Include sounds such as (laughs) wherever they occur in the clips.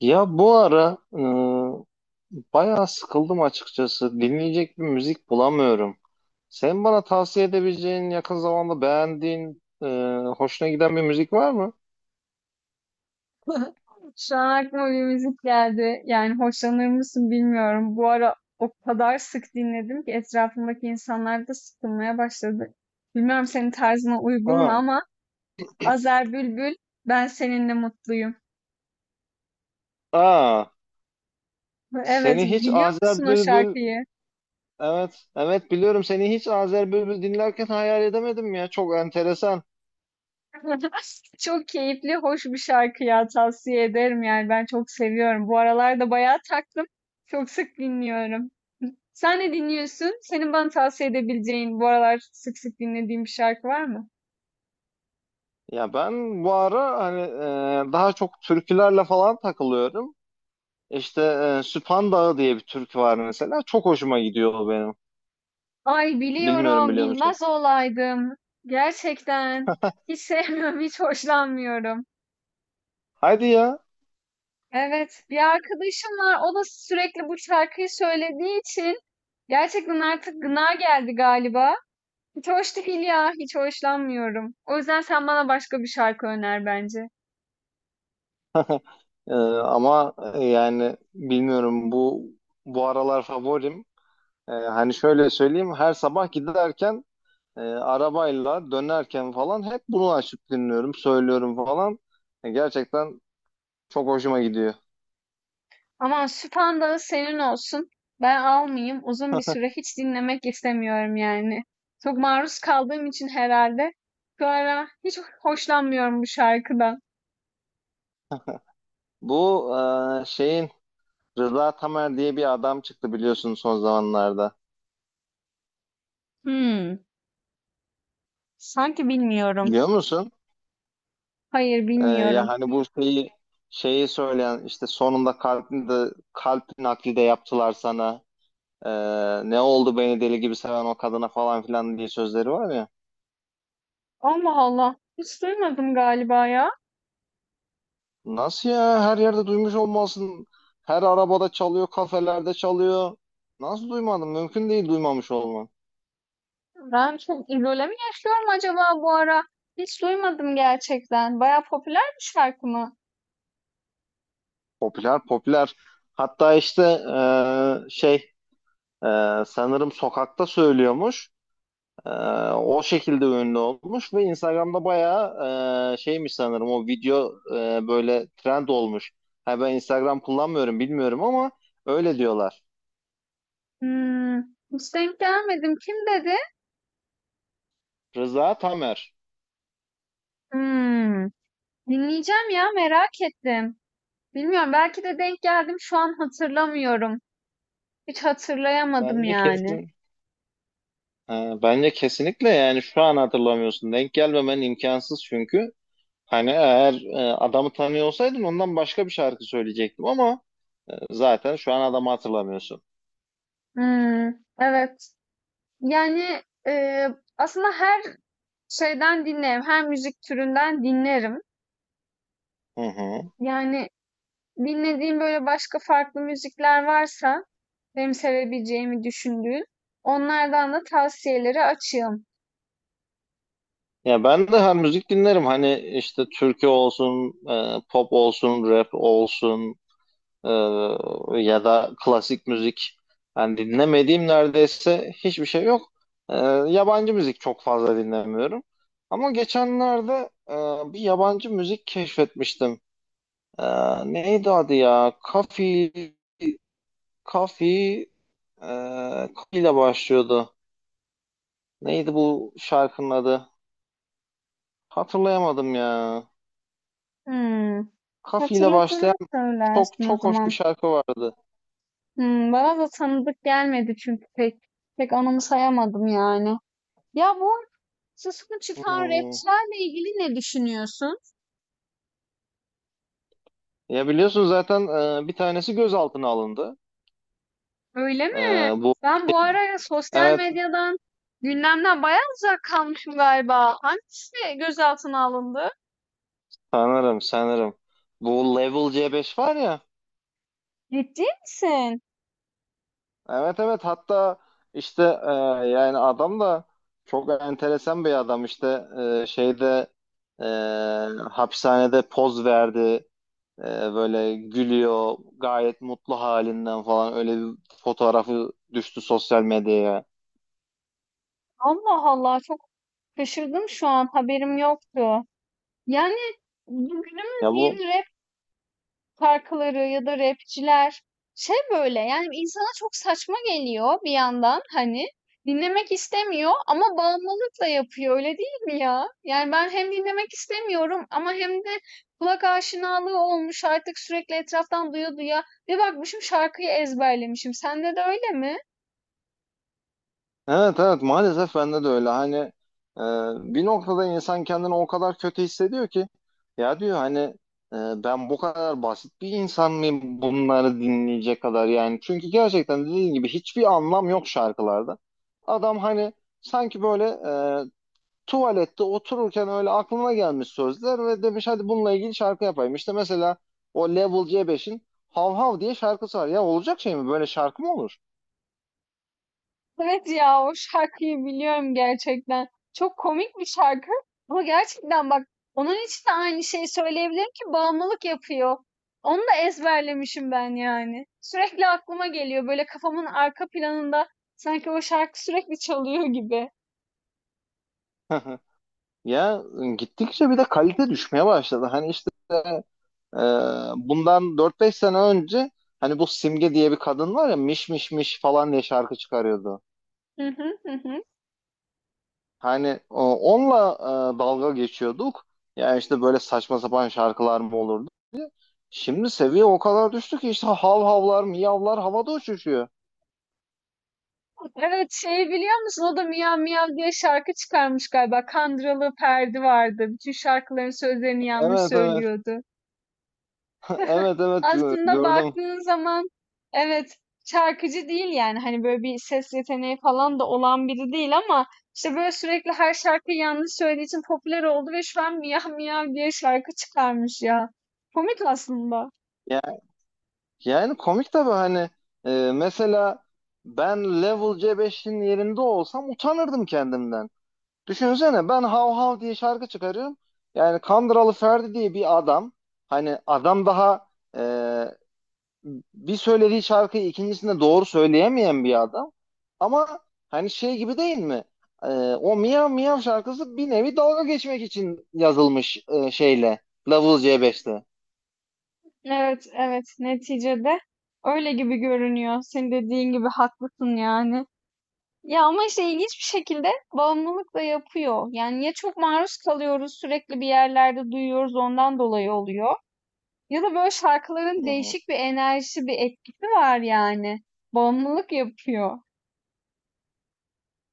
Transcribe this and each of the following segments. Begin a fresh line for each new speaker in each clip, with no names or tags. Ya bu ara, bayağı sıkıldım açıkçası. Dinleyecek bir müzik bulamıyorum. Sen bana tavsiye edebileceğin, yakın zamanda beğendiğin, hoşuna giden bir müzik var mı?
(laughs) Şu an aklıma bir müzik geldi. Yani hoşlanır mısın bilmiyorum. Bu ara o kadar sık dinledim ki etrafımdaki insanlar da sıkılmaya başladı. Bilmiyorum senin tarzına uygun mu
Ha.
ama Azer Bülbül Ben Seninle Mutluyum.
Aa,
Evet
seni hiç
biliyor
Azer
musun o
Bülbül...
şarkıyı?
Evet, evet biliyorum, seni hiç Azer Bülbül dinlerken hayal edemedim ya. Çok enteresan.
(laughs) Çok keyifli, hoş bir şarkı ya tavsiye ederim yani ben çok seviyorum. Bu aralar da bayağı taktım. Çok sık dinliyorum. Sen ne dinliyorsun? Senin bana tavsiye edebileceğin bu aralar sık sık dinlediğin bir şarkı var mı?
Ya ben bu ara hani, daha çok türkülerle falan takılıyorum. İşte, Süphan Dağı diye bir türkü var mesela. Çok hoşuma gidiyor o benim.
Ay
Bilmiyorum,
biliyorum,
biliyor musun?
bilmez olaydım. Gerçekten. Hiç (laughs) sevmiyorum, hiç hoşlanmıyorum.
Hadi ya.
Evet, bir arkadaşım var. O da sürekli bu şarkıyı söylediği için gerçekten artık gına geldi galiba. Hiç hoş değil ya, hiç hoşlanmıyorum. O yüzden sen bana başka bir şarkı öner bence.
Ama, yani bilmiyorum, bu aralar favorim. Hani şöyle söyleyeyim, her sabah giderken, arabayla dönerken falan hep bunu açıp dinliyorum, söylüyorum falan. Gerçekten çok hoşuma gidiyor.
Aman Süphandağı senin olsun. Ben almayayım. Uzun bir süre hiç dinlemek istemiyorum yani. Çok maruz kaldığım için herhalde şu ara hiç hoşlanmıyorum bu şarkıdan.
Bu e, şeyin Rıza Tamer diye bir adam çıktı, biliyorsun, son zamanlarda.
Hmm, sanki bilmiyorum.
Biliyor musun?
Hayır
Ya
bilmiyorum.
hani bu şeyi söyleyen, işte sonunda kalbini de, kalp nakli de yaptılar sana. E, Ne oldu beni deli gibi seven o kadına falan filan diye sözleri var ya.
Allah Allah. Hiç duymadım galiba ya.
Nasıl ya? Her yerde duymuş olmalısın. Her arabada çalıyor, kafelerde çalıyor. Nasıl duymadın? Mümkün değil duymamış olman.
Ben çok izole mi yaşıyorum acaba bu ara? Hiç duymadım gerçekten. Baya popüler bir şarkı mı?
Popüler, popüler. Hatta işte, e, şey sanırım sokakta söylüyormuş. E, O şekilde ünlü olmuş ve Instagram'da bayağı şeymiş sanırım, o video, böyle trend olmuş. Ha, ben Instagram kullanmıyorum bilmiyorum ama öyle diyorlar.
Hmm, hiç denk gelmedim. Kim dedi?
Rıza Tamer.
Hmm, dinleyeceğim ya merak ettim. Bilmiyorum belki de denk geldim şu an hatırlamıyorum. Hiç hatırlayamadım
Bence
yani.
kesin Ha, bence kesinlikle, yani şu an hatırlamıyorsun. Denk gelmemen imkansız çünkü. Hani eğer adamı tanıyor olsaydın ondan başka bir şarkı söyleyecektim ama zaten şu an adamı hatırlamıyorsun.
Hmm, evet. Yani aslında her şeyden dinlerim. Her müzik türünden dinlerim.
Hı hı.
Yani dinlediğim böyle başka farklı müzikler varsa benim sevebileceğimi düşündüğün onlardan da tavsiyeleri açığım.
Ya ben de her müzik dinlerim. Hani işte türkü olsun, pop olsun, rap olsun. Ee, Ya da klasik müzik. Ben dinlemediğim neredeyse hiçbir şey yok. Ee, Yabancı müzik çok fazla dinlemiyorum. Ama geçenlerde bir yabancı müzik keşfetmiştim. Neydi adı ya? Kafi, Kafi, e, Kafi ile başlıyordu. Neydi bu şarkının adı? Hatırlayamadım ya.
Hmm.
Kafi ile başlayan
Hatırladığını
çok
söylersin o
çok hoş bir
zaman.
şarkı vardı.
Hmm, bana da tanıdık gelmedi çünkü pek anımsayamadım yani. Ya bu sesini çıkan
Hmm.
rapçilerle ilgili ne düşünüyorsun?
Ya biliyorsun zaten bir tanesi gözaltına alındı.
Öyle mi?
Ee, bu
Ben bu ara sosyal
Evet,
medyadan, gündemden bayağı uzak kalmışım galiba. Hangisi gözaltına alındı?
sanırım, sanırım. Bu Level C5 var ya.
Ciddi misin?
Evet, evet, hatta işte, yani adam da çok enteresan bir adam, işte, e, şeyde e, hapishanede poz verdi. E, Böyle gülüyor, gayet mutlu halinden falan, öyle bir fotoğrafı düştü sosyal medyaya.
Allah Allah, çok şaşırdım, şu an haberim yoktu. Yani bu günümüz
Ya bu
yeni rap şarkıları ya da rapçiler şey böyle yani insana çok saçma geliyor bir yandan hani dinlemek istemiyor ama bağımlılıkla yapıyor öyle değil mi ya? Yani ben hem dinlemek istemiyorum ama hem de kulak aşinalığı olmuş artık sürekli etraftan duya duya bir bakmışım şarkıyı ezberlemişim. Sende de öyle mi?
Evet, evet, maalesef bende de öyle. Hani, e, bir noktada insan kendini o kadar kötü hissediyor ki, ya diyor hani, ben bu kadar basit bir insan mıyım bunları dinleyecek kadar? Yani çünkü gerçekten dediğin gibi hiçbir anlam yok şarkılarda. Adam hani sanki böyle, e, tuvalette otururken öyle aklına gelmiş sözler ve demiş, hadi bununla ilgili şarkı yapayım. İşte mesela o Level c beş'in Hav Hav diye şarkısı var ya, olacak şey mi, böyle şarkı mı olur?
Evet ya o şarkıyı biliyorum gerçekten. Çok komik bir şarkı ama gerçekten bak onun için de aynı şeyi söyleyebilirim ki bağımlılık yapıyor. Onu da ezberlemişim ben yani. Sürekli aklıma geliyor böyle kafamın arka planında sanki o şarkı sürekli çalıyor gibi.
(laughs) Ya, gittikçe bir de kalite düşmeye başladı. Hani işte, e, bundan 4 5 sene önce, hani bu Simge diye bir kadın var ya, miş miş miş falan diye şarkı çıkarıyordu.
Hı hı, hı hı.
Hani onunla dalga geçiyorduk. Ya işte böyle saçma sapan şarkılar mı olurdu? Şimdi seviye o kadar düştü ki işte hav havlar, miyavlar havada uçuşuyor.
Evet, şeyi biliyor musun? O da Miyav Miyav diye şarkı çıkarmış galiba. Kandıralı Perdi vardı. Bütün şarkıların sözlerini yanlış
Evet, evet.
söylüyordu.
(laughs) Evet, evet,
Aslında
gördüm.
baktığın zaman evet, şarkıcı değil yani hani böyle bir ses yeteneği falan da olan biri değil ama işte böyle sürekli her şarkıyı yanlış söylediği için popüler oldu ve şu an miyav miyav diye şarkı çıkarmış ya. Komik aslında.
Ya, yani komik tabii, hani, mesela ben Level c beş'in yerinde olsam utanırdım kendimden. Düşünsene, ben Hav Hav diye şarkı çıkarıyorum. Yani Kandıralı Ferdi diye bir adam. Hani adam daha, e, bir söylediği şarkıyı ikincisinde doğru söyleyemeyen bir adam. Ama hani şey gibi değil mi? E, O Miyav Miyav şarkısı bir nevi dalga geçmek için yazılmış şeyle. Level C5'te.
Evet evet, neticede öyle gibi görünüyor. Senin dediğin gibi haklısın yani. Ya ama işte ilginç bir şekilde bağımlılık da yapıyor. Yani ya çok maruz kalıyoruz sürekli bir yerlerde duyuyoruz ondan dolayı oluyor. Ya da böyle şarkıların
Hı hı.
değişik bir enerjisi, bir etkisi var yani. Bağımlılık yapıyor.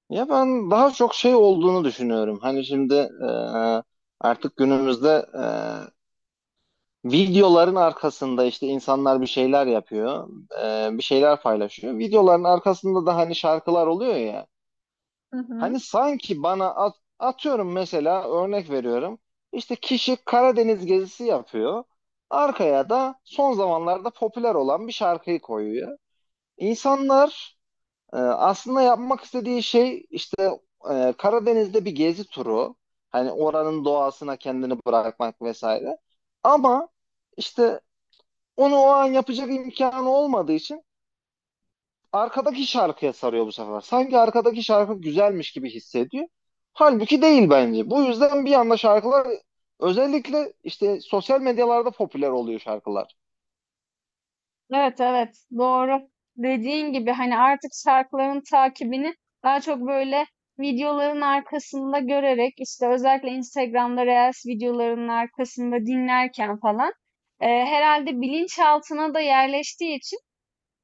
Ya ben daha çok şey olduğunu düşünüyorum. Hani şimdi, e, artık günümüzde, e, videoların arkasında işte insanlar bir şeyler yapıyor, bir şeyler paylaşıyor. Videoların arkasında da hani şarkılar oluyor ya.
Hı hı.
Hani sanki bana, atıyorum, mesela örnek veriyorum. İşte kişi Karadeniz gezisi yapıyor. Arkaya da son zamanlarda popüler olan bir şarkıyı koyuyor. İnsanlar, aslında yapmak istediği şey işte, Karadeniz'de bir gezi turu. Hani oranın doğasına kendini bırakmak vesaire. Ama işte onu o an yapacak imkanı olmadığı için arkadaki şarkıya sarıyor bu sefer. Sanki arkadaki şarkı güzelmiş gibi hissediyor. Halbuki değil bence. Bu yüzden bir anda şarkılar, özellikle işte sosyal medyalarda, popüler oluyor şarkılar.
Evet evet, doğru. Dediğin gibi hani artık şarkıların takibini daha çok böyle videoların arkasında görerek işte özellikle Instagram'da Reels videolarının arkasında dinlerken falan, herhalde bilinçaltına da yerleştiği için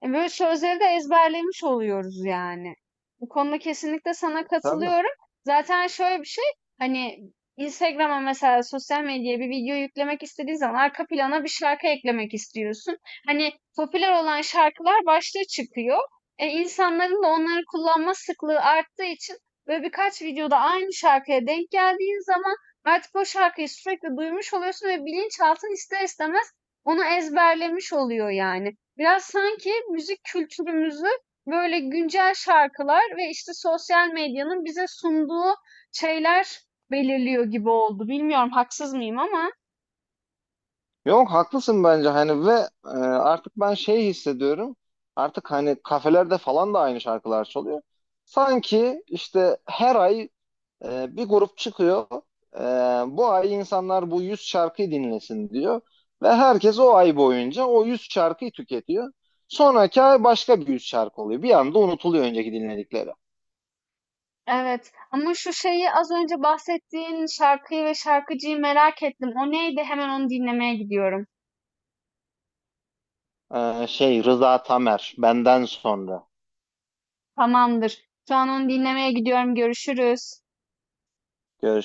Böyle sözleri de ezberlemiş oluyoruz yani. Bu konuda kesinlikle sana
Tabii.
katılıyorum. Zaten şöyle bir şey, hani Instagram'a mesela sosyal medyaya bir video yüklemek istediğin zaman arka plana bir şarkı eklemek istiyorsun. Hani popüler olan şarkılar başta çıkıyor. İnsanların da onları kullanma sıklığı arttığı için böyle birkaç videoda aynı şarkıya denk geldiğin zaman artık o şarkıyı sürekli duymuş oluyorsun ve bilinçaltın ister istemez onu ezberlemiş oluyor yani. Biraz sanki müzik kültürümüzü böyle güncel şarkılar ve işte sosyal medyanın bize sunduğu şeyler belirliyor gibi oldu. Bilmiyorum haksız mıyım ama
Yok, haklısın bence, hani ve artık ben şey hissediyorum. Artık hani kafelerde falan da aynı şarkılar çalıyor. Sanki işte her ay, bir grup çıkıyor. Ee, Bu ay insanlar bu 100 şarkıyı dinlesin diyor. Ve herkes o ay boyunca o 100 şarkıyı tüketiyor. Sonraki ay başka bir 100 şarkı oluyor. Bir anda unutuluyor önceki dinledikleri.
evet. Ama şu şeyi, az önce bahsettiğin şarkıyı ve şarkıcıyı merak ettim. O neydi? Hemen onu dinlemeye gidiyorum.
Rıza Tamer benden sonra.
Tamamdır. Şu an onu dinlemeye gidiyorum. Görüşürüz.
Görüşürüz.